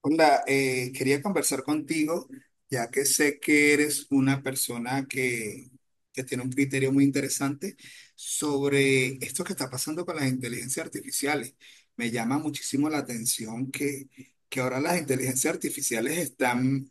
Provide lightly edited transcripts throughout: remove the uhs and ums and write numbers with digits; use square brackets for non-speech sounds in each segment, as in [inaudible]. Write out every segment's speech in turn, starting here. Hola, quería conversar contigo, ya que sé que eres una persona que tiene un criterio muy interesante sobre esto que está pasando con las inteligencias artificiales. Me llama muchísimo la atención que ahora las inteligencias artificiales están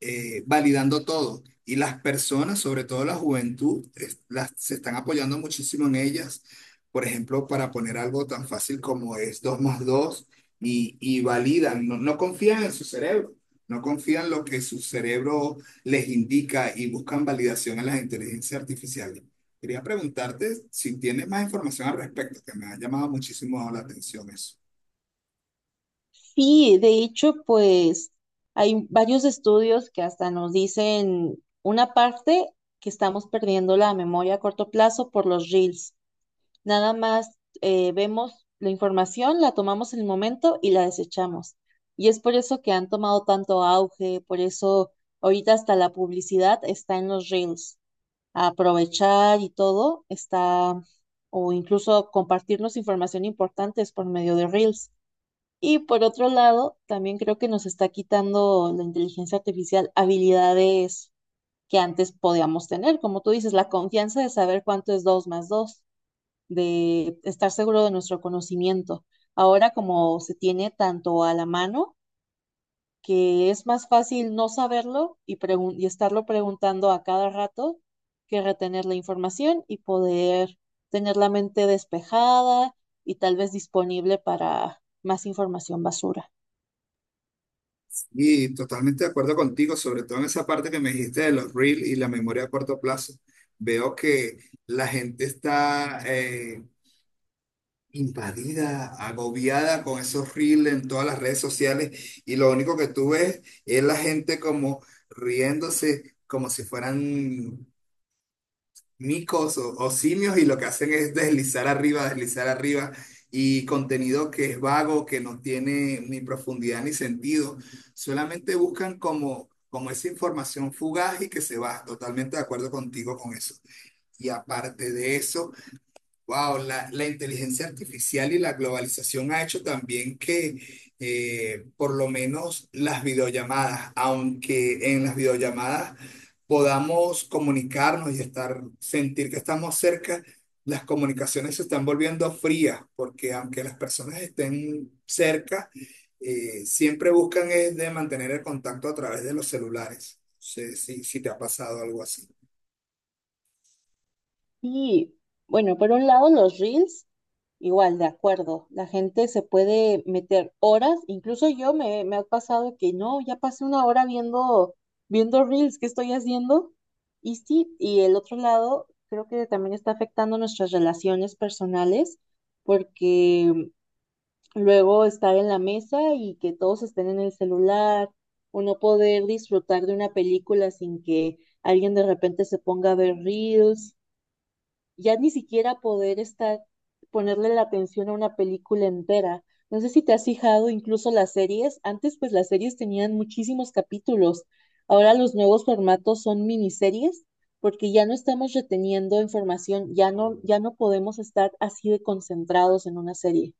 validando todo. Y las personas, sobre todo la juventud, se están apoyando muchísimo en ellas. Por ejemplo, para poner algo tan fácil como es 2 más 2 y validan, no, no confían en su cerebro, no confían en lo que su cerebro les indica y buscan validación en las inteligencias artificiales. Quería preguntarte si tienes más información al respecto, que me ha llamado muchísimo la atención eso. Sí, de hecho, pues hay varios estudios que hasta nos dicen una parte que estamos perdiendo la memoria a corto plazo por los reels. Nada más vemos la información, la tomamos en el momento y la desechamos. Y es por eso que han tomado tanto auge, por eso ahorita hasta la publicidad está en los reels. Aprovechar y todo está, o incluso compartirnos información importante es por medio de reels. Y por otro lado, también creo que nos está quitando la inteligencia artificial habilidades que antes podíamos tener, como tú dices, la confianza de saber cuánto es 2 más 2, de estar seguro de nuestro conocimiento. Ahora como se tiene tanto a la mano, que es más fácil no saberlo y estarlo preguntando a cada rato que retener la información y poder tener la mente despejada y tal vez disponible para más información basura. Y totalmente de acuerdo contigo, sobre todo en esa parte que me dijiste de los reels y la memoria a corto plazo. Veo que la gente está invadida, agobiada con esos reels en todas las redes sociales y lo único que tú ves es la gente como riéndose, como si fueran micos o simios, y lo que hacen es deslizar arriba, deslizar arriba, y contenido que es vago, que no tiene ni profundidad ni sentido. Solamente buscan como, esa información fugaz y que se va. Totalmente de acuerdo contigo con eso. Y aparte de eso, wow, la inteligencia artificial y la globalización ha hecho también que por lo menos las videollamadas, aunque en las videollamadas podamos comunicarnos y estar, sentir que estamos cerca, las comunicaciones se están volviendo frías, porque aunque las personas estén cerca, siempre buscan es de mantener el contacto a través de los celulares. No sé si te ha pasado algo así. Sí, bueno, por un lado los reels, igual, de acuerdo, la gente se puede meter horas, incluso yo me ha pasado que no, ya pasé una hora viendo, viendo reels, ¿qué estoy haciendo? Y sí, y el otro lado creo que también está afectando nuestras relaciones personales, porque luego estar en la mesa y que todos estén en el celular, o no poder disfrutar de una película sin que alguien de repente se ponga a ver reels ya ni siquiera poder estar, ponerle la atención a una película entera. No sé si te has fijado incluso las series. Antes, pues las series tenían muchísimos capítulos. Ahora los nuevos formatos son miniseries porque ya no estamos reteniendo información, ya no, ya no podemos estar así de concentrados en una serie.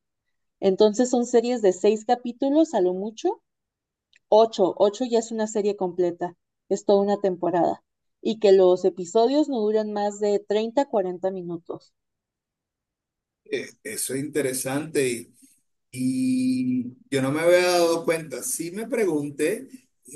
Entonces son series de seis capítulos a lo mucho, ocho, ocho ya es una serie completa, es toda una temporada. Y que los episodios no duran más de 30, 40 minutos. Eso es interesante y yo no me había dado cuenta. Sí me pregunté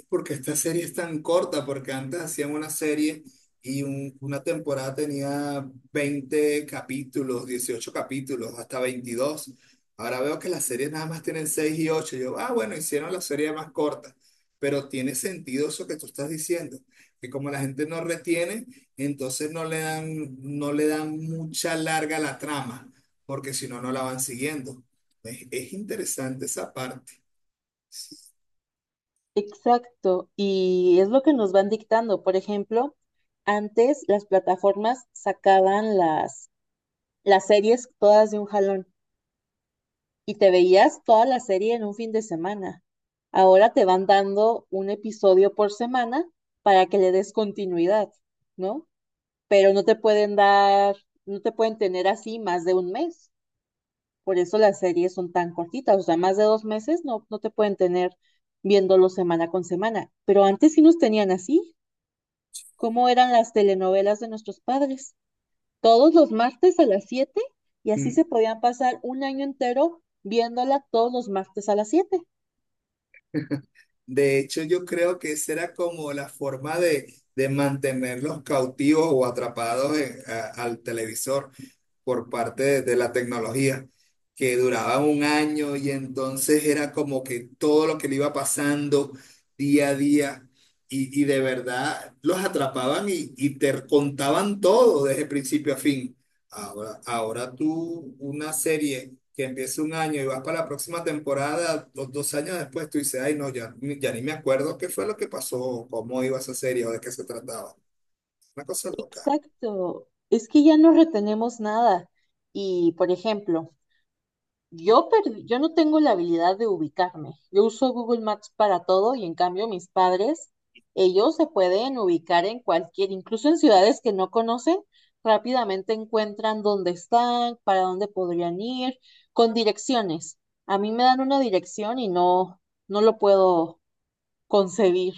por qué esta serie es tan corta, porque antes hacían una serie y una temporada tenía 20 capítulos, 18 capítulos, hasta 22. Ahora veo que las series nada más tienen 6 y ocho. Yo, ah, bueno, hicieron la serie más corta, pero tiene sentido eso que tú estás diciendo, que como la gente no retiene, entonces no le dan, no le dan mucha larga a la trama, porque si no, no la van siguiendo. Es interesante esa parte. Exacto, y es lo que nos van dictando. Por ejemplo, antes las plataformas sacaban las series todas de un jalón y te veías toda la serie en un fin de semana. Ahora te van dando un episodio por semana para que le des continuidad, ¿no? Pero no te pueden dar, no te pueden tener así más de un mes. Por eso las series son tan cortitas, o sea, más de 2 meses no, no te pueden tener viéndolo semana con semana. Pero antes sí nos tenían así. Cómo eran las telenovelas de nuestros padres. Todos los martes a las 7 y así se Mm. podían pasar un año entero viéndola todos los martes a las 7. De hecho, yo creo que esa era como la forma de, mantenerlos cautivos o atrapados al televisor por parte de la tecnología, que duraba un año y entonces era como que todo lo que le iba pasando día a día. Y de verdad los atrapaban y te contaban todo desde principio a fin. Ahora, tú, una serie que empieza un año y vas para la próxima temporada, dos años después, tú dices, ay, no, ya, ya ni me acuerdo qué fue lo que pasó, cómo iba esa serie o de qué se trataba. Una cosa loca. Exacto. Es que ya no retenemos nada. Y, por ejemplo, yo perdí, yo no tengo la habilidad de ubicarme. Yo uso Google Maps para todo y en cambio mis padres, ellos se pueden ubicar en cualquier, incluso en ciudades que no conocen, rápidamente encuentran dónde están, para dónde podrían ir, con direcciones. A mí me dan una dirección y no, no lo puedo concebir.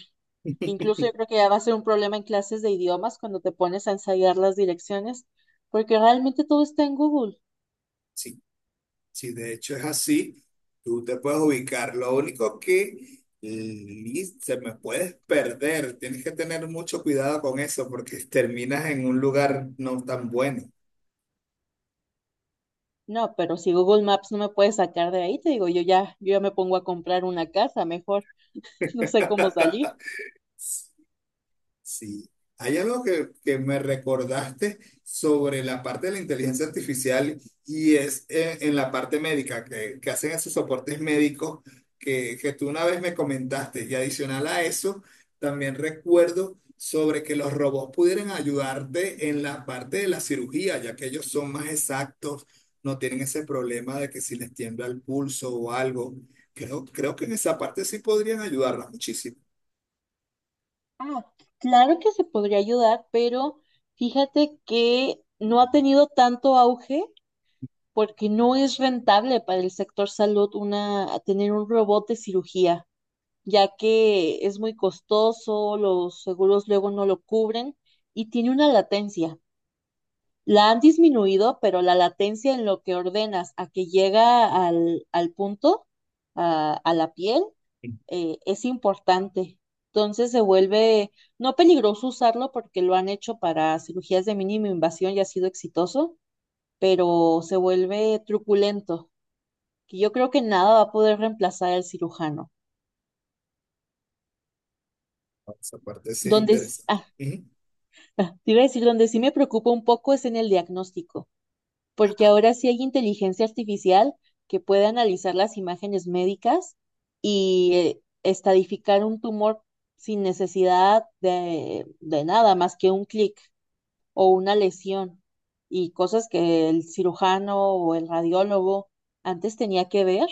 Incluso yo creo que ya va a ser un problema en clases de idiomas cuando te pones a ensayar las direcciones, porque realmente todo está en Google. Sí, sí, de hecho es así, tú te puedes ubicar. Lo único que se me puedes perder, tienes que tener mucho cuidado con eso porque terminas en un lugar no tan bueno. No, pero si Google Maps no me puede sacar de ahí, te digo, yo ya me pongo a comprar una casa, mejor. [laughs] No sé cómo salir. [laughs] Sí. Hay algo que me recordaste sobre la parte de la inteligencia artificial y es en la parte médica, que hacen esos soportes médicos que tú una vez me comentaste. Y adicional a eso, también recuerdo sobre que los robots pudieran ayudarte en la parte de la cirugía, ya que ellos son más exactos, no tienen ese problema de que si les tiembla el pulso o algo. Creo, que en esa parte sí podrían ayudarnos muchísimo. Ah, claro que se podría ayudar, pero fíjate que no ha tenido tanto auge porque no es rentable para el sector salud una tener un robot de cirugía, ya que es muy costoso, los seguros luego no lo cubren y tiene una latencia. La han disminuido, pero la latencia en lo que ordenas a que llega al punto, a la piel, es importante. Entonces se vuelve no peligroso usarlo porque lo han hecho para cirugías de mínima invasión y ha sido exitoso, pero se vuelve truculento, que yo creo que nada va a poder reemplazar al cirujano. Esa parte sí es Donde, interesante. ah, Ujú. [laughs] te iba a decir, donde sí me preocupa un poco es en el diagnóstico porque ahora sí hay inteligencia artificial que puede analizar las imágenes médicas y estadificar un tumor sin necesidad de nada más que un clic o una lesión y cosas que el cirujano o el radiólogo antes tenía que ver,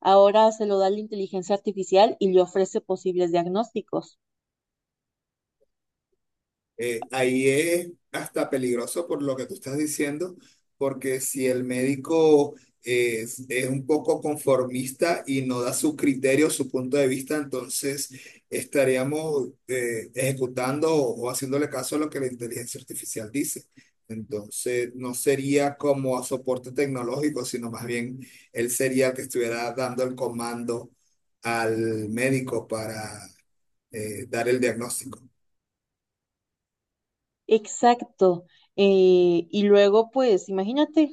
ahora se lo da la inteligencia artificial y le ofrece posibles diagnósticos. Ahí es hasta peligroso por lo que tú estás diciendo, porque si el médico es un poco conformista y no da su criterio, su punto de vista, entonces estaríamos ejecutando o haciéndole caso a lo que la inteligencia artificial dice. Entonces no sería como a soporte tecnológico, sino más bien él sería el que estuviera dando el comando al médico para dar el diagnóstico. Exacto. Y luego, pues, imagínate,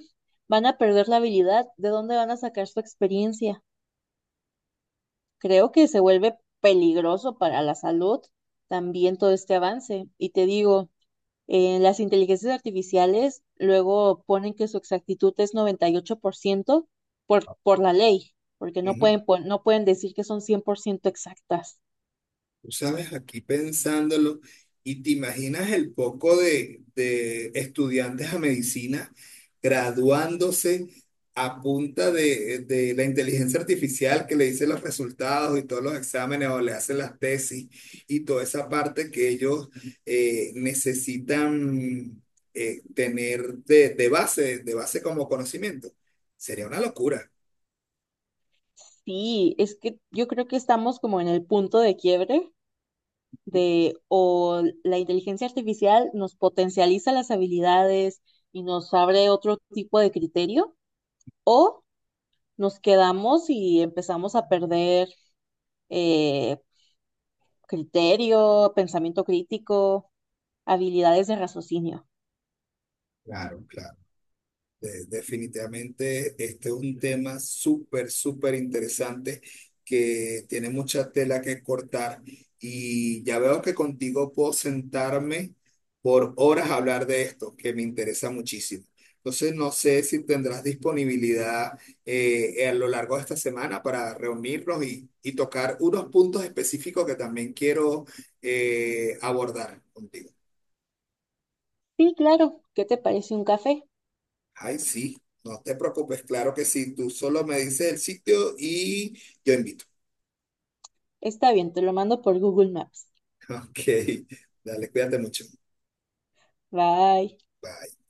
van a perder la habilidad. ¿De dónde van a sacar su experiencia? Creo que se vuelve peligroso para la salud también todo este avance. Y te digo, las inteligencias artificiales luego ponen que su exactitud es 98% por la ley, porque no Ujú. pueden, no pueden decir que son 100% exactas. Tú sabes, aquí pensándolo, y te imaginas el poco de, estudiantes a medicina graduándose a punta de, la inteligencia artificial que le dice los resultados y todos los exámenes o le hace las tesis y toda esa parte que ellos necesitan tener de de base como conocimiento. Sería una locura. Sí, es que yo creo que estamos como en el punto de quiebre de o la inteligencia artificial nos potencializa las habilidades y nos abre otro tipo de criterio, o nos quedamos y empezamos a perder eh, criterio, pensamiento crítico, habilidades de raciocinio. Claro, claro. Definitivamente, este es un tema súper, súper interesante que tiene mucha tela que cortar y ya veo que contigo puedo sentarme por horas a hablar de esto, que me interesa muchísimo. Entonces, no sé si tendrás disponibilidad a lo largo de esta semana para reunirnos y tocar unos puntos específicos que también quiero abordar contigo. Sí, claro. ¿Qué te parece un café? Ay, sí, no te preocupes, claro que sí. Tú solo me dices el sitio y yo invito. Está bien, te lo mando por Google Maps. [laughs] Ok, dale, cuídate mucho. Bye. Bye.